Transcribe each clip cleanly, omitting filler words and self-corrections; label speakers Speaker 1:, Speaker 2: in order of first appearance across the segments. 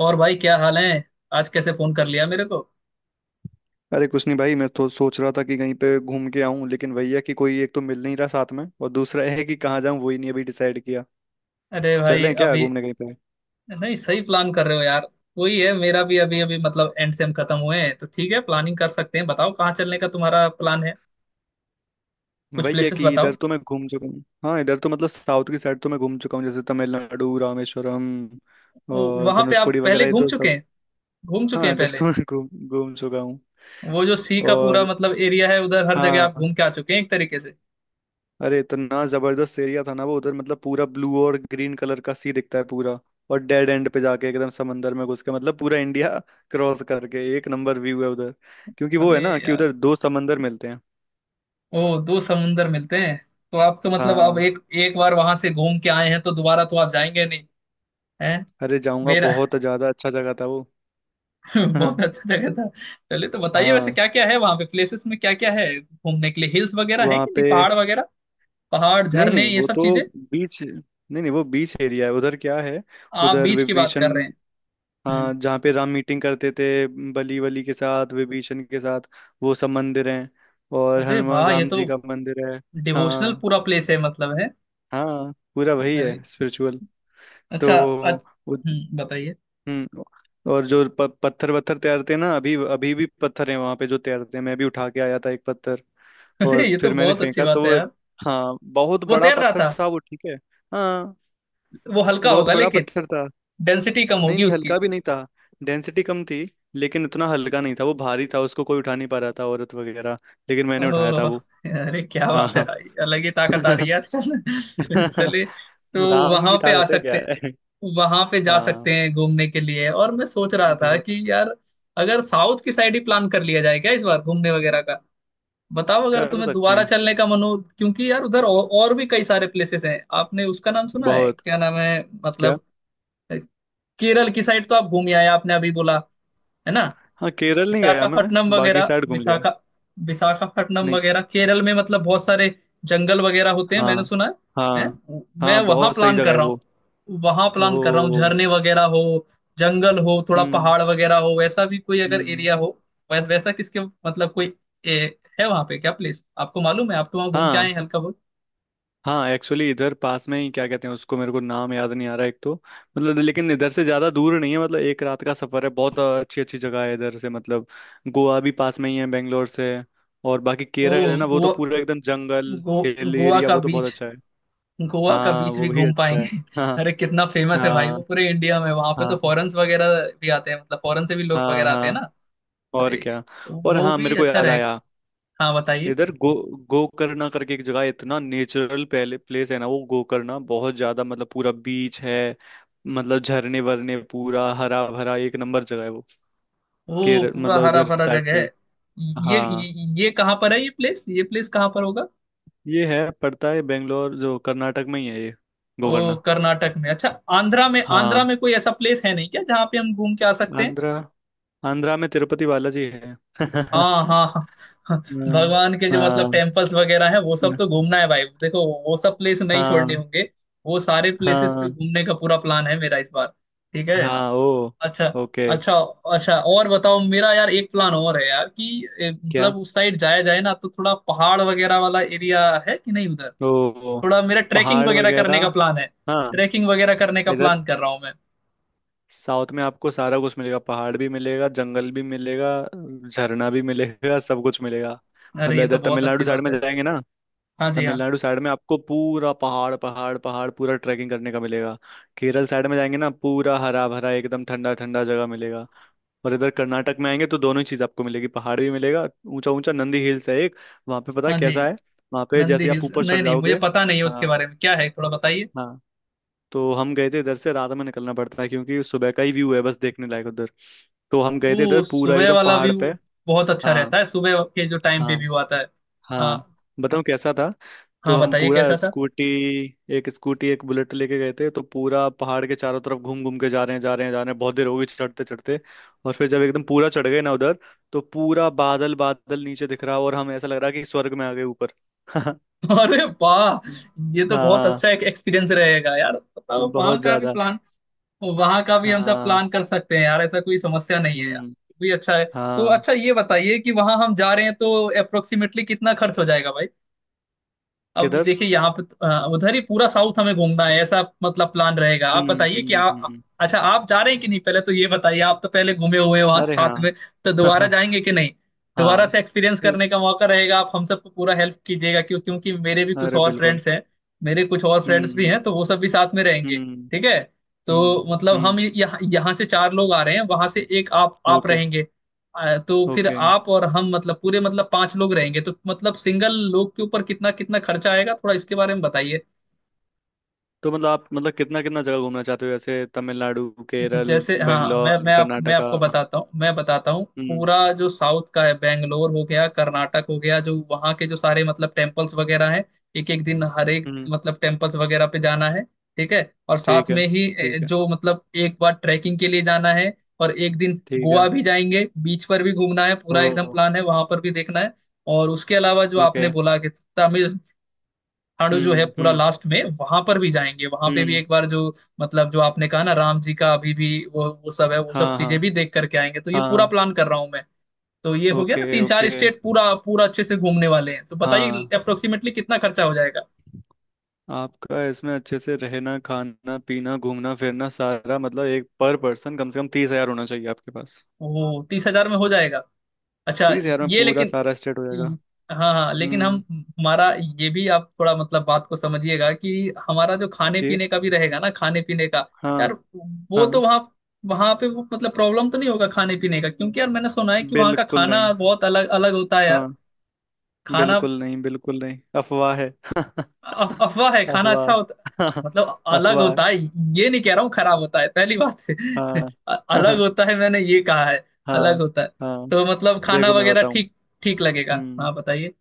Speaker 1: और भाई क्या हाल है। आज कैसे फोन कर लिया मेरे को।
Speaker 2: अरे कुछ नहीं भाई। मैं तो सोच रहा था कि कहीं पे घूम के आऊं, लेकिन वही है कि कोई एक तो मिल नहीं रहा साथ में, और दूसरा है कि कहाँ जाऊं, वही नहीं अभी डिसाइड किया।
Speaker 1: अरे भाई
Speaker 2: चलें क्या
Speaker 1: अभी
Speaker 2: घूमने कहीं पे?
Speaker 1: नहीं, सही प्लान कर रहे हो यार। वही है मेरा भी, अभी अभी एंड सेम खत्म हुए हैं तो ठीक है, प्लानिंग कर सकते हैं। बताओ कहाँ चलने का तुम्हारा प्लान है, कुछ
Speaker 2: वही है
Speaker 1: प्लेसेस
Speaker 2: कि इधर
Speaker 1: बताओ।
Speaker 2: तो मैं घूम चुका हूँ। हाँ, इधर तो मतलब साउथ की साइड तो मैं घूम चुका हूँ, जैसे तमिलनाडु, रामेश्वरम
Speaker 1: ओ,
Speaker 2: और
Speaker 1: वहां पे आप
Speaker 2: धनुषकोडी
Speaker 1: पहले
Speaker 2: वगैरह, ये
Speaker 1: घूम
Speaker 2: तो
Speaker 1: चुके
Speaker 2: सब।
Speaker 1: हैं, घूम चुके
Speaker 2: हाँ,
Speaker 1: हैं
Speaker 2: इधर
Speaker 1: पहले।
Speaker 2: तो मैं घूम घूम चुका हूँ।
Speaker 1: वो जो सी का पूरा
Speaker 2: और
Speaker 1: एरिया है उधर हर जगह आप
Speaker 2: हाँ,
Speaker 1: घूम के आ चुके हैं एक तरीके से।
Speaker 2: अरे इतना जबरदस्त एरिया था ना वो, उधर मतलब पूरा ब्लू और ग्रीन कलर का सी दिखता है पूरा। और डेड एंड पे जाके एकदम समंदर में घुस के मतलब पूरा इंडिया क्रॉस करके एक नंबर व्यू है उधर, क्योंकि वो
Speaker 1: अरे
Speaker 2: है ना कि
Speaker 1: यार।
Speaker 2: उधर दो समंदर मिलते हैं।
Speaker 1: ओ, दो समुंदर मिलते हैं। तो आप तो मतलब अब
Speaker 2: हाँ,
Speaker 1: एक एक बार वहां से घूम के आए हैं तो दोबारा तो आप जाएंगे नहीं? हैं?
Speaker 2: अरे जाऊंगा,
Speaker 1: मेरा
Speaker 2: बहुत ज्यादा अच्छा जगह था वो।
Speaker 1: बहुत अच्छा जगह था। चलिए, तो बताइए वैसे
Speaker 2: हाँ।
Speaker 1: क्या क्या है वहां पे, प्लेसेस में क्या क्या है घूमने के लिए। हिल्स वगैरह है
Speaker 2: वहाँ
Speaker 1: कि नहीं,
Speaker 2: पे,
Speaker 1: पहाड़ वगैरह, पहाड़
Speaker 2: नहीं
Speaker 1: झरने
Speaker 2: नहीं,
Speaker 1: ये
Speaker 2: वो
Speaker 1: सब
Speaker 2: तो
Speaker 1: चीजें।
Speaker 2: बीच, नहीं नहीं, वो बीच एरिया है उधर, क्या है?
Speaker 1: आप
Speaker 2: उधर
Speaker 1: बीच की बात
Speaker 2: विभीषण।
Speaker 1: कर रहे हैं। हम्म।
Speaker 2: हाँ, जहाँ पे राम मीटिंग करते थे, बली वली के साथ, विभीषण के साथ, वो सब मंदिर हैं, और
Speaker 1: अरे
Speaker 2: हनुमान
Speaker 1: वाह, ये
Speaker 2: राम
Speaker 1: तो
Speaker 2: जी का मंदिर है।
Speaker 1: डिवोशनल
Speaker 2: हाँ,
Speaker 1: पूरा प्लेस है है।
Speaker 2: हाँ पूरा वही
Speaker 1: अरे,
Speaker 2: है, स्पिरिचुअल। तो
Speaker 1: अच्छा अच्छा।
Speaker 2: वो।
Speaker 1: हम्म, बताइए।
Speaker 2: हम्म। और जो पत्थर वत्थर तैरते हैं ना, अभी अभी भी पत्थर हैं वहाँ पे जो तैरते हैं, मैं भी उठा के आया था एक पत्थर।
Speaker 1: अरे
Speaker 2: और
Speaker 1: ये तो
Speaker 2: फिर मैंने
Speaker 1: बहुत अच्छी
Speaker 2: फेंका तो
Speaker 1: बात है
Speaker 2: वो।
Speaker 1: यार।
Speaker 2: हाँ, बहुत
Speaker 1: वो
Speaker 2: बड़ा
Speaker 1: तैर रहा
Speaker 2: पत्थर
Speaker 1: था?
Speaker 2: था वो, ठीक है। हाँ
Speaker 1: वो हल्का
Speaker 2: बहुत
Speaker 1: होगा
Speaker 2: बड़ा
Speaker 1: लेकिन,
Speaker 2: पत्थर था।
Speaker 1: डेंसिटी कम
Speaker 2: नहीं
Speaker 1: होगी
Speaker 2: नहीं,
Speaker 1: उसकी।
Speaker 2: हल्का भी नहीं था, डेंसिटी कम थी, लेकिन उतना हल्का नहीं था, वो भारी था, उसको कोई उठा नहीं पा रहा था, औरत वगैरह, लेकिन मैंने उठाया था
Speaker 1: ओह,
Speaker 2: वो।
Speaker 1: अरे क्या
Speaker 2: हाँ,
Speaker 1: बात है
Speaker 2: हाँ।
Speaker 1: भाई, अलग ही ताकत आ रही है आजकल। चलिए, तो
Speaker 2: राम
Speaker 1: वहां
Speaker 2: की
Speaker 1: पे आ
Speaker 2: ताकत है, क्या
Speaker 1: सकते,
Speaker 2: है।
Speaker 1: वहां पे जा
Speaker 2: हाँ,
Speaker 1: सकते हैं घूमने के लिए। और मैं सोच रहा था
Speaker 2: बहुत।
Speaker 1: कि यार, अगर साउथ की साइड ही प्लान कर लिया जाए क्या इस बार घूमने वगैरह का। बताओ अगर
Speaker 2: कर
Speaker 1: तुम्हें
Speaker 2: सकते
Speaker 1: दोबारा
Speaker 2: हैं,
Speaker 1: चलने का मन हो, क्योंकि यार उधर और भी कई सारे प्लेसेस हैं। आपने उसका नाम सुना है,
Speaker 2: बहुत।
Speaker 1: क्या नाम है?
Speaker 2: क्या?
Speaker 1: मतलब केरल की साइड तो आप घूम आए, आपने अभी बोला है ना।
Speaker 2: हाँ, केरल नहीं गया मैं,
Speaker 1: विशाखापट्टनम
Speaker 2: बाकी
Speaker 1: वगैरह,
Speaker 2: साइड घूम लिया।
Speaker 1: विशाखा, विशाखापट्टनम वगैरह
Speaker 2: नहीं।
Speaker 1: केरल में, बहुत सारे जंगल वगैरह होते हैं
Speaker 2: हाँ
Speaker 1: मैंने सुना है
Speaker 2: हाँ
Speaker 1: हैं? मैं
Speaker 2: हाँ,
Speaker 1: वहां
Speaker 2: बहुत सही
Speaker 1: प्लान
Speaker 2: जगह
Speaker 1: कर
Speaker 2: है
Speaker 1: रहा
Speaker 2: वो।
Speaker 1: हूँ, वहां प्लान कर रहा हूँ।
Speaker 2: ओ,
Speaker 1: झरने वगैरह हो, जंगल हो, थोड़ा
Speaker 2: हम्म,
Speaker 1: पहाड़ वगैरह हो, वैसा भी कोई अगर
Speaker 2: हम्म।
Speaker 1: एरिया हो। वैस, वैसा किसके मतलब कोई ए, है वहां पे क्या प्लेस आपको मालूम है? आप तो वहां घूम के
Speaker 2: हाँ,
Speaker 1: आए हैं हल्का बहुत।
Speaker 2: हाँ एक्चुअली इधर पास में ही क्या कहते हैं उसको, मेरे को नाम याद नहीं आ रहा, एक तो मतलब, लेकिन इधर से ज्यादा दूर नहीं है, मतलब एक रात का सफर है, बहुत अच्छी अच्छी जगह है इधर से मतलब। गोवा भी पास में ही है बेंगलोर से। और बाकी
Speaker 1: ओ,
Speaker 2: केरल है ना, वो तो
Speaker 1: गोवा।
Speaker 2: पूरा एकदम जंगल,
Speaker 1: गो,
Speaker 2: हिल
Speaker 1: गोवा
Speaker 2: एरिया,
Speaker 1: का
Speaker 2: वो तो बहुत
Speaker 1: बीच,
Speaker 2: अच्छा है।
Speaker 1: गोवा का
Speaker 2: हाँ,
Speaker 1: बीच
Speaker 2: वो
Speaker 1: भी
Speaker 2: भी
Speaker 1: घूम
Speaker 2: अच्छा
Speaker 1: पाएंगे।
Speaker 2: है। हाँ
Speaker 1: अरे कितना फेमस है भाई
Speaker 2: हाँ
Speaker 1: वो पूरे इंडिया में, वहां पे तो
Speaker 2: हाँ
Speaker 1: फॉरेन्स वगैरह भी आते हैं, फॉरेन से भी लोग
Speaker 2: हाँ हाँ
Speaker 1: वगैरह आते हैं ना।
Speaker 2: हाँ, और
Speaker 1: अरे
Speaker 2: क्या। और
Speaker 1: वो
Speaker 2: हाँ,
Speaker 1: भी
Speaker 2: मेरे को
Speaker 1: अच्छा
Speaker 2: याद
Speaker 1: रहे।
Speaker 2: आया।
Speaker 1: हाँ बताइए।
Speaker 2: इधर गो गोकर्णा करके एक जगह है, इतना नेचुरल पहले प्लेस है ना वो, गोकर्णा, बहुत ज्यादा मतलब पूरा बीच है। मतलब झरने वरने, पूरा हरा भरा, एक नंबर जगह है वो।
Speaker 1: वो
Speaker 2: केरल
Speaker 1: पूरा
Speaker 2: मतलब
Speaker 1: हरा
Speaker 2: उधर
Speaker 1: भरा
Speaker 2: साइड
Speaker 1: जगह
Speaker 2: से
Speaker 1: है।
Speaker 2: ही। हाँ,
Speaker 1: ये कहाँ पर है, ये प्लेस कहाँ पर होगा?
Speaker 2: ये है, पड़ता है बेंगलोर, जो कर्नाटक में ही है ये,
Speaker 1: ओ,
Speaker 2: गोकर्णा।
Speaker 1: कर्नाटक में, अच्छा। आंध्रा में, आंध्रा
Speaker 2: हाँ।
Speaker 1: में कोई ऐसा प्लेस है नहीं क्या जहाँ पे हम घूम के आ सकते हैं?
Speaker 2: आंध्रा, आंध्रा में तिरुपति बालाजी है हाँ,
Speaker 1: हाँ हाँ हाँ, हाँ। भगवान के जो
Speaker 2: हाँ
Speaker 1: टेम्पल्स वगैरह है वो सब तो घूमना है भाई, देखो वो सब प्लेस नहीं छोड़ने
Speaker 2: हाँ
Speaker 1: होंगे। वो सारे प्लेसेस पे
Speaker 2: हाँ
Speaker 1: घूमने का पूरा प्लान है मेरा इस बार, ठीक है।
Speaker 2: हाँ। ओ,
Speaker 1: अच्छा,
Speaker 2: ओके।
Speaker 1: अच्छा अच्छा, और बताओ। मेरा यार एक प्लान और है यार कि ए,
Speaker 2: क्या?
Speaker 1: मतलब उस साइड जाया जाए ना, तो थोड़ा पहाड़ वगैरह वाला एरिया है कि नहीं उधर?
Speaker 2: ओ,
Speaker 1: थोड़ा मेरा ट्रैकिंग
Speaker 2: पहाड़
Speaker 1: वगैरह करने का
Speaker 2: वगैरह।
Speaker 1: प्लान है,
Speaker 2: हाँ,
Speaker 1: ट्रैकिंग वगैरह करने का
Speaker 2: इधर
Speaker 1: प्लान कर रहा हूँ मैं।
Speaker 2: साउथ में आपको सारा कुछ मिलेगा, पहाड़ भी मिलेगा, जंगल भी मिलेगा, झरना भी मिलेगा सब कुछ मिलेगा।
Speaker 1: अरे
Speaker 2: मतलब
Speaker 1: ये तो
Speaker 2: इधर
Speaker 1: बहुत अच्छी
Speaker 2: तमिलनाडु साइड
Speaker 1: बात
Speaker 2: में
Speaker 1: है।
Speaker 2: जाएंगे ना,
Speaker 1: हाँ जी हाँ।
Speaker 2: तमिलनाडु साइड में आपको पूरा पहाड़ पहाड़ पहाड़ पूरा ट्रैकिंग करने का मिलेगा। केरल साइड में जाएंगे ना, पूरा हरा भरा एकदम ठंडा ठंडा जगह मिलेगा। और इधर कर्नाटक में आएंगे तो दोनों ही चीज़ आपको मिलेगी, पहाड़ भी मिलेगा, ऊंचा ऊंचा नंदी हिल्स है एक। वहाँ पे पता है
Speaker 1: हाँ जी।
Speaker 2: कैसा है? वहाँ पे
Speaker 1: नंदी
Speaker 2: जैसे आप
Speaker 1: हिल्स?
Speaker 2: ऊपर
Speaker 1: नहीं
Speaker 2: चढ़
Speaker 1: नहीं, मुझे
Speaker 2: जाओगे।
Speaker 1: पता नहीं है उसके
Speaker 2: हाँ,
Speaker 1: बारे में, क्या है थोड़ा बताइए।
Speaker 2: हाँ, तो हम गए थे, इधर से रात में निकलना पड़ता है क्योंकि सुबह का ही व्यू है बस देखने लायक उधर। तो हम गए थे
Speaker 1: वो
Speaker 2: इधर पूरा
Speaker 1: सुबह
Speaker 2: एकदम
Speaker 1: वाला
Speaker 2: पहाड़
Speaker 1: व्यू
Speaker 2: पे।
Speaker 1: बहुत अच्छा रहता
Speaker 2: हाँ,
Speaker 1: है, सुबह के जो टाइम पे
Speaker 2: हाँ।
Speaker 1: व्यू आता है।
Speaker 2: हाँ
Speaker 1: हाँ।
Speaker 2: बताऊँ कैसा था। तो
Speaker 1: हाँ
Speaker 2: हम
Speaker 1: बताइए
Speaker 2: पूरा
Speaker 1: कैसा था।
Speaker 2: स्कूटी, एक स्कूटी एक बुलेट लेके गए थे, तो पूरा पहाड़ के चारों तरफ घूम घूम के जा रहे हैं जा रहे हैं जा रहे हैं, बहुत देर हो गई चढ़ते चढ़ते। और फिर जब एकदम पूरा चढ़ गए ना उधर, तो पूरा बादल बादल नीचे दिख रहा, और हम, ऐसा लग रहा कि स्वर्ग में आ गए ऊपर।
Speaker 1: अरे वाह, ये तो बहुत
Speaker 2: हाँ,
Speaker 1: अच्छा एक एक्सपीरियंस रहेगा यार। बताओ वहाँ
Speaker 2: बहुत
Speaker 1: का भी
Speaker 2: ज्यादा।
Speaker 1: प्लान, वहाँ का भी हम सब
Speaker 2: हाँ,
Speaker 1: प्लान कर सकते हैं यार, ऐसा कोई समस्या नहीं है यार।
Speaker 2: हम्म,
Speaker 1: भी अच्छा है। तो
Speaker 2: हाँ।
Speaker 1: अच्छा ये बताइए कि वहाँ हम जा रहे हैं तो अप्रोक्सीमेटली कितना खर्च हो जाएगा भाई? अब
Speaker 2: किधर,
Speaker 1: देखिए यहाँ पे तो, उधर ही पूरा साउथ हमें घूमना है ऐसा प्लान रहेगा। आप बताइए कि आप,
Speaker 2: हम्म।
Speaker 1: अच्छा आप जा रहे हैं कि नहीं पहले तो ये बताइए। आप तो पहले घूमे हुए हैं वहां
Speaker 2: अरे हाँ।
Speaker 1: साथ में, तो दोबारा
Speaker 2: हाँ,
Speaker 1: जाएंगे कि नहीं? दोबारा
Speaker 2: हाँ
Speaker 1: से एक्सपीरियंस
Speaker 2: अरे।
Speaker 1: करने का मौका रहेगा, आप हम सबको पूरा हेल्प कीजिएगा क्यों क्योंकि मेरे भी कुछ
Speaker 2: अरे
Speaker 1: और
Speaker 2: बिल्कुल।
Speaker 1: फ्रेंड्स हैं। मेरे कुछ और फ्रेंड्स भी
Speaker 2: हम्म
Speaker 1: हैं तो वो सब भी साथ में रहेंगे,
Speaker 2: हम्म,
Speaker 1: ठीक है। तो
Speaker 2: हम्म।
Speaker 1: हम यहाँ, यहाँ से चार लोग आ रहे हैं, वहां से एक आप
Speaker 2: ओके,
Speaker 1: रहेंगे। तो फिर
Speaker 2: ओके,
Speaker 1: आप और हम मतलब पूरे पांच लोग रहेंगे, तो सिंगल लोग के ऊपर कितना कितना खर्चा आएगा, थोड़ा इसके बारे में बताइए।
Speaker 2: तो मतलब आप मतलब कितना कितना जगह घूमना चाहते हो, जैसे तमिलनाडु, केरल?
Speaker 1: जैसे हाँ, मैं
Speaker 2: बेंगलोर,
Speaker 1: मैं आप मैं
Speaker 2: कर्नाटका,
Speaker 1: आपको बताता हूँ, मैं बताता हूँ।
Speaker 2: हम्म,
Speaker 1: पूरा जो साउथ का है, बेंगलोर हो गया, कर्नाटक हो गया, जो वहाँ के जो सारे टेम्पल्स वगैरह हैं, एक एक दिन हर एक
Speaker 2: हम्म।
Speaker 1: टेम्पल्स वगैरह पे जाना है, ठीक है। और साथ
Speaker 2: ठीक है,
Speaker 1: में ही
Speaker 2: ठीक है,
Speaker 1: जो एक बार ट्रैकिंग के लिए जाना है। और एक दिन
Speaker 2: ठीक
Speaker 1: गोवा
Speaker 2: है।
Speaker 1: भी जाएंगे, बीच पर भी घूमना है पूरा एकदम
Speaker 2: ओ,
Speaker 1: प्लान है, वहां पर भी देखना है। और उसके अलावा जो
Speaker 2: ओके।
Speaker 1: आपने बोला कि तमिल खाड़ू जो है,
Speaker 2: हम्म
Speaker 1: पूरा
Speaker 2: हम्म
Speaker 1: लास्ट में वहां पर भी जाएंगे, वहां पे भी
Speaker 2: हम्म।
Speaker 1: एक बार जो जो आपने कहा ना राम जी का, अभी भी वो सब है, वो सब
Speaker 2: हाँ हाँ
Speaker 1: चीजें भी देख करके आएंगे, तो ये पूरा
Speaker 2: हाँ।
Speaker 1: प्लान कर रहा हूँ मैं। तो ये हो गया ना
Speaker 2: ओके,
Speaker 1: तीन चार
Speaker 2: ओके,
Speaker 1: स्टेट, पूरा पूरा अच्छे से घूमने वाले हैं, तो बताइए
Speaker 2: हाँ
Speaker 1: अप्रोक्सीमेटली कितना खर्चा हो जाएगा।
Speaker 2: आपका इसमें अच्छे से रहना, खाना पीना, घूमना फिरना, सारा मतलब, एक पर पर्सन कम से कम 30,000 होना चाहिए आपके पास।
Speaker 1: ओह, 30,000 में हो जाएगा, अच्छा।
Speaker 2: 30,000 में
Speaker 1: ये
Speaker 2: पूरा
Speaker 1: लेकिन,
Speaker 2: सारा स्टेट हो जाएगा।
Speaker 1: हम्म, हाँ हाँ लेकिन हम,
Speaker 2: हम्म
Speaker 1: हमारा, ये भी आप थोड़ा बात को समझिएगा कि हमारा जो खाने
Speaker 2: कि,
Speaker 1: पीने का भी रहेगा ना, खाने पीने का
Speaker 2: हाँ,
Speaker 1: यार। वो
Speaker 2: हाँ,
Speaker 1: तो वहाँ वहाँ पे वो प्रॉब्लम तो नहीं होगा खाने पीने का, क्योंकि यार मैंने सुना है कि वहाँ का
Speaker 2: बिल्कुल नहीं।
Speaker 1: खाना बहुत अलग अलग होता है यार
Speaker 2: हाँ,
Speaker 1: खाना।
Speaker 2: बिल्कुल नहीं, बिल्कुल नहीं, अफवाह है।
Speaker 1: अफवाह है? खाना अच्छा
Speaker 2: अफवाह।
Speaker 1: होता, अलग
Speaker 2: अफवाह।
Speaker 1: होता है, ये नहीं कह रहा हूँ खराब होता है पहली बात है।
Speaker 2: हाँ।
Speaker 1: अलग होता है मैंने ये कहा है,
Speaker 2: हाँ,
Speaker 1: अलग होता है।
Speaker 2: हाँ।
Speaker 1: तो खाना
Speaker 2: देखो मैं
Speaker 1: वगैरह
Speaker 2: बताऊं,
Speaker 1: ठीक, ठीक लगेगा।
Speaker 2: हम्म,
Speaker 1: हाँ बताइए।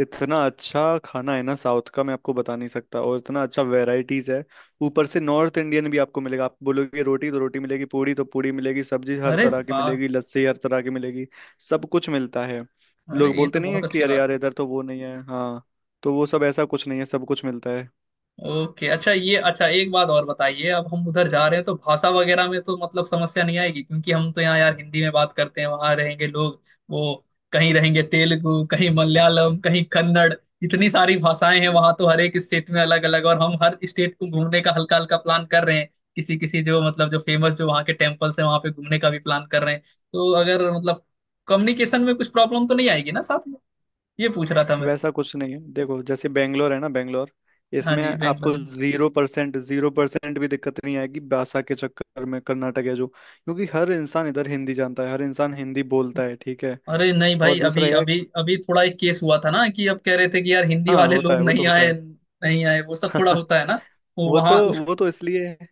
Speaker 2: इतना अच्छा खाना है ना साउथ का, मैं आपको बता नहीं सकता, और इतना अच्छा वेराइटीज है। ऊपर से नॉर्थ इंडियन भी आपको मिलेगा, आप बोलोगे रोटी तो रोटी मिलेगी, पूड़ी तो पूड़ी मिलेगी, सब्जी हर
Speaker 1: अरे
Speaker 2: तरह की
Speaker 1: वाह,
Speaker 2: मिलेगी, लस्सी हर तरह की मिलेगी, सब कुछ मिलता है।
Speaker 1: अरे
Speaker 2: लोग
Speaker 1: ये
Speaker 2: बोलते
Speaker 1: तो
Speaker 2: नहीं है
Speaker 1: बहुत
Speaker 2: कि
Speaker 1: अच्छी
Speaker 2: अरे
Speaker 1: बात
Speaker 2: यार
Speaker 1: है।
Speaker 2: इधर तो वो नहीं है, हाँ, तो वो सब ऐसा कुछ नहीं है, सब कुछ मिलता है।
Speaker 1: ओके, अच्छा, ये अच्छा एक बात और बताइए। अब हम उधर जा रहे हैं तो भाषा वगैरह में तो समस्या नहीं आएगी, क्योंकि हम तो यहाँ यार हिंदी में बात करते हैं, वहां रहेंगे लोग वो, कहीं रहेंगे तेलुगु, कहीं मलयालम, कहीं कन्नड़, इतनी सारी भाषाएं हैं वहां तो, हर एक स्टेट में अलग अलग। और हम हर स्टेट को घूमने का हल्का हल्का प्लान कर रहे हैं, किसी किसी जो जो फेमस जो वहाँ के टेम्पल्स हैं वहां पे घूमने का भी प्लान कर रहे हैं। तो अगर कम्युनिकेशन में कुछ प्रॉब्लम तो नहीं आएगी ना साथ में, ये पूछ रहा था मैं।
Speaker 2: वैसा कुछ नहीं है, देखो, जैसे बेंगलोर है ना, बेंगलोर,
Speaker 1: हाँ
Speaker 2: इसमें
Speaker 1: जी
Speaker 2: आपको
Speaker 1: बैंगलोर।
Speaker 2: 0% 0% भी दिक्कत नहीं आएगी भाषा के चक्कर में। कर्नाटक है जो, क्योंकि हर इंसान इधर हिंदी जानता है, हर इंसान हिंदी बोलता है। ठीक है,
Speaker 1: अरे नहीं भाई,
Speaker 2: और
Speaker 1: अभी
Speaker 2: दूसरा यह,
Speaker 1: अभी अभी थोड़ा एक केस हुआ था ना कि अब कह रहे थे कि यार हिंदी
Speaker 2: हाँ
Speaker 1: वाले
Speaker 2: होता
Speaker 1: लोग
Speaker 2: है, वो तो
Speaker 1: नहीं
Speaker 2: होता
Speaker 1: आए,
Speaker 2: है।
Speaker 1: नहीं आए, वो सब थोड़ा होता है ना। वो
Speaker 2: वो तो,
Speaker 1: वहां उस
Speaker 2: वो तो इसलिए है।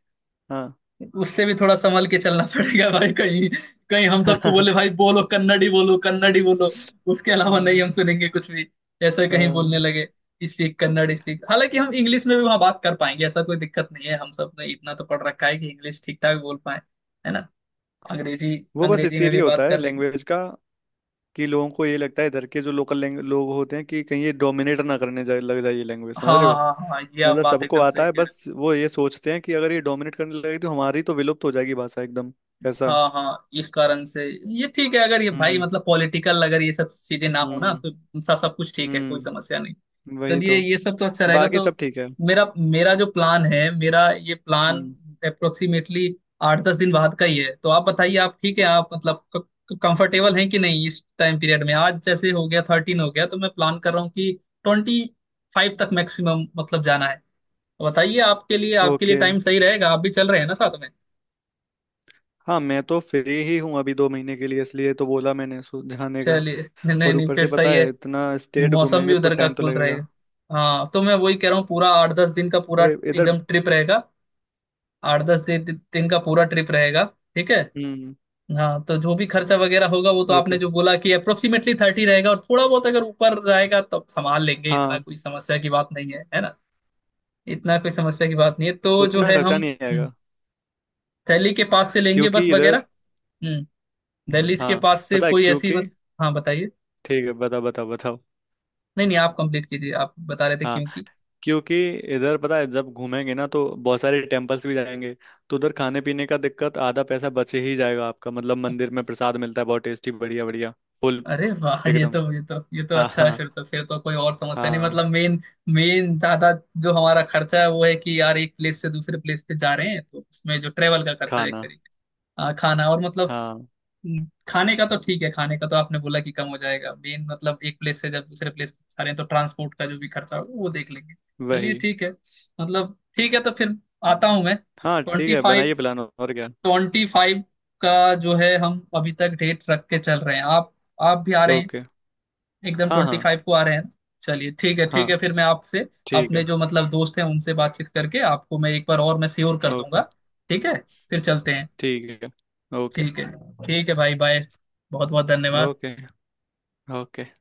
Speaker 2: हाँ।
Speaker 1: उससे भी थोड़ा संभल के चलना पड़ेगा भाई, कहीं कहीं हम सबको
Speaker 2: हाँ,
Speaker 1: बोले भाई बोलो कन्नड़ी, बोलो कन्नड़ी बोलो, उसके अलावा नहीं हम सुनेंगे कुछ भी, ऐसा कहीं बोलने
Speaker 2: हाँ।
Speaker 1: लगे स्पीक कन्नड़ स्पीक। हालांकि हम इंग्लिश में भी वहां बात कर पाएंगे, ऐसा कोई दिक्कत नहीं है, हम सब ने इतना तो पढ़ रखा है कि इंग्लिश ठीक ठाक बोल पाए, है ना। अंग्रेजी,
Speaker 2: वो बस
Speaker 1: अंग्रेजी में भी
Speaker 2: इसीलिए होता
Speaker 1: बात
Speaker 2: है
Speaker 1: कर लेंगे।
Speaker 2: लैंग्वेज का, कि लोगों को ये लगता है, इधर के जो लोकल लोग होते हैं, कि कहीं ये डोमिनेट ना करने जाए, लग जाए ये लैंग्वेज, समझ
Speaker 1: हाँ
Speaker 2: रहे हो?
Speaker 1: हाँ हाँ, ये आप
Speaker 2: मतलब
Speaker 1: बात
Speaker 2: सबको
Speaker 1: एकदम
Speaker 2: आता
Speaker 1: सही
Speaker 2: है,
Speaker 1: कह रहे हो।
Speaker 2: बस वो ये सोचते हैं कि अगर ये डोमिनेट करने लगेगी तो हमारी तो विलुप्त हो जाएगी भाषा एकदम, ऐसा।
Speaker 1: हाँ हाँ, इस कारण से। ये ठीक है, अगर ये भाई
Speaker 2: हम्म
Speaker 1: पॉलिटिकल अगर ये सब चीजें ना हो ना
Speaker 2: हम्म
Speaker 1: तो सब, सब कुछ ठीक है कोई समस्या
Speaker 2: हम्म।
Speaker 1: नहीं।
Speaker 2: वही
Speaker 1: चलिए
Speaker 2: तो,
Speaker 1: ये सब तो अच्छा रहेगा।
Speaker 2: बाकी
Speaker 1: तो
Speaker 2: सब ठीक है।
Speaker 1: मेरा मेरा जो प्लान है, मेरा ये प्लान
Speaker 2: हम्म।
Speaker 1: अप्रोक्सीमेटली आठ दस दिन बाद का ही है, तो आप बताइए आप ठीक है, आप कंफर्टेबल हैं कि नहीं इस टाइम पीरियड में। आज जैसे हो गया 13 हो गया, तो मैं प्लान कर रहा हूँ कि 25 तक मैक्सिमम जाना है। तो बताइए आपके लिए, आपके लिए
Speaker 2: ओके,
Speaker 1: टाइम सही रहेगा, आप भी चल रहे हैं ना साथ में।
Speaker 2: हाँ मैं तो फ्री ही हूँ अभी 2 महीने के लिए, इसलिए तो बोला मैंने जाने का।
Speaker 1: चलिए नहीं
Speaker 2: और
Speaker 1: नहीं,
Speaker 2: ऊपर
Speaker 1: फिर
Speaker 2: से पता
Speaker 1: सही है।
Speaker 2: है, इतना स्टेट
Speaker 1: मौसम भी
Speaker 2: घूमेंगे तो
Speaker 1: उधर का
Speaker 2: टाइम तो
Speaker 1: कूल
Speaker 2: लगेगा।
Speaker 1: रहेगा। हाँ तो मैं वही कह रहा हूँ, पूरा आठ दस दिन का पूरा
Speaker 2: अरे इधर,
Speaker 1: एकदम ट्रिप रहेगा, आठ दस दिन दिन का पूरा ट्रिप रहेगा, ठीक है।
Speaker 2: हम्म,
Speaker 1: हाँ तो जो भी खर्चा वगैरह होगा, वो तो आपने
Speaker 2: ओके,
Speaker 1: जो बोला कि अप्रोक्सीमेटली 30 रहेगा, और थोड़ा बहुत अगर ऊपर जाएगा तो संभाल लेंगे, इतना
Speaker 2: हाँ
Speaker 1: कोई समस्या की बात नहीं है, है ना। इतना कोई समस्या की बात नहीं है, तो जो
Speaker 2: उतना
Speaker 1: है हम,
Speaker 2: खर्चा नहीं
Speaker 1: हम्म,
Speaker 2: आएगा,
Speaker 1: दिल्ली के पास से लेंगे बस
Speaker 2: क्योंकि
Speaker 1: वगैरह,
Speaker 2: इधर,
Speaker 1: हम्म दिल्ली के
Speaker 2: हाँ
Speaker 1: पास से
Speaker 2: पता है,
Speaker 1: कोई ऐसी
Speaker 2: क्योंकि,
Speaker 1: हाँ बताइए।
Speaker 2: ठीक है, बताओ बताओ बताओ।
Speaker 1: नहीं नहीं आप कंप्लीट कीजिए, आप बता रहे थे
Speaker 2: हाँ,
Speaker 1: क्योंकि।
Speaker 2: क्योंकि इधर पता है, जब घूमेंगे ना तो बहुत सारे टेम्पल्स भी जाएंगे, तो उधर खाने पीने का दिक्कत, आधा पैसा बचे ही जाएगा आपका, मतलब मंदिर में प्रसाद मिलता है, बहुत टेस्टी, बढ़िया बढ़िया, फुल
Speaker 1: अरे वाह, ये
Speaker 2: एकदम।
Speaker 1: तो ये तो ये तो
Speaker 2: हाँ
Speaker 1: अच्छा है
Speaker 2: हाँ
Speaker 1: फिर तो, फिर तो कोई और समस्या नहीं
Speaker 2: हाँ।
Speaker 1: मेन, मेन ज्यादा जो हमारा खर्चा है वो है कि यार एक प्लेस से दूसरे प्लेस पे जा रहे हैं तो उसमें जो ट्रेवल का खर्चा है एक
Speaker 2: खाना,
Speaker 1: तरीके से। हाँ, खाना और
Speaker 2: हाँ,
Speaker 1: खाने का तो ठीक है, खाने का तो आपने बोला कि कम हो जाएगा, मेन एक प्लेस से जब दूसरे प्लेस पे जा रहे हैं तो ट्रांसपोर्ट का जो भी खर्चा होगा वो देख लेंगे। चलिए
Speaker 2: वही,
Speaker 1: ठीक है, ठीक है। तो फिर आता हूँ मैं
Speaker 2: हाँ ठीक
Speaker 1: ट्वेंटी
Speaker 2: है,
Speaker 1: फाइव
Speaker 2: बनाइए प्लान, और क्या।
Speaker 1: ट्वेंटी फाइव का जो है हम अभी तक डेट रख के चल रहे हैं, आप भी आ रहे हैं,
Speaker 2: ओके।
Speaker 1: एकदम
Speaker 2: हाँ
Speaker 1: ट्वेंटी
Speaker 2: हाँ
Speaker 1: फाइव को आ रहे हैं। चलिए ठीक है,
Speaker 2: हाँ।
Speaker 1: ठीक है फिर, मैं आपसे
Speaker 2: ठीक
Speaker 1: अपने
Speaker 2: है,
Speaker 1: जो दोस्त हैं उनसे बातचीत करके आपको मैं एक बार और मैं श्योर कर दूंगा,
Speaker 2: ओके,
Speaker 1: ठीक है फिर चलते हैं।
Speaker 2: ठीक है, ओके,
Speaker 1: ठीक है, ठीक है भाई बाय, बहुत बहुत धन्यवाद।
Speaker 2: Okay, okay.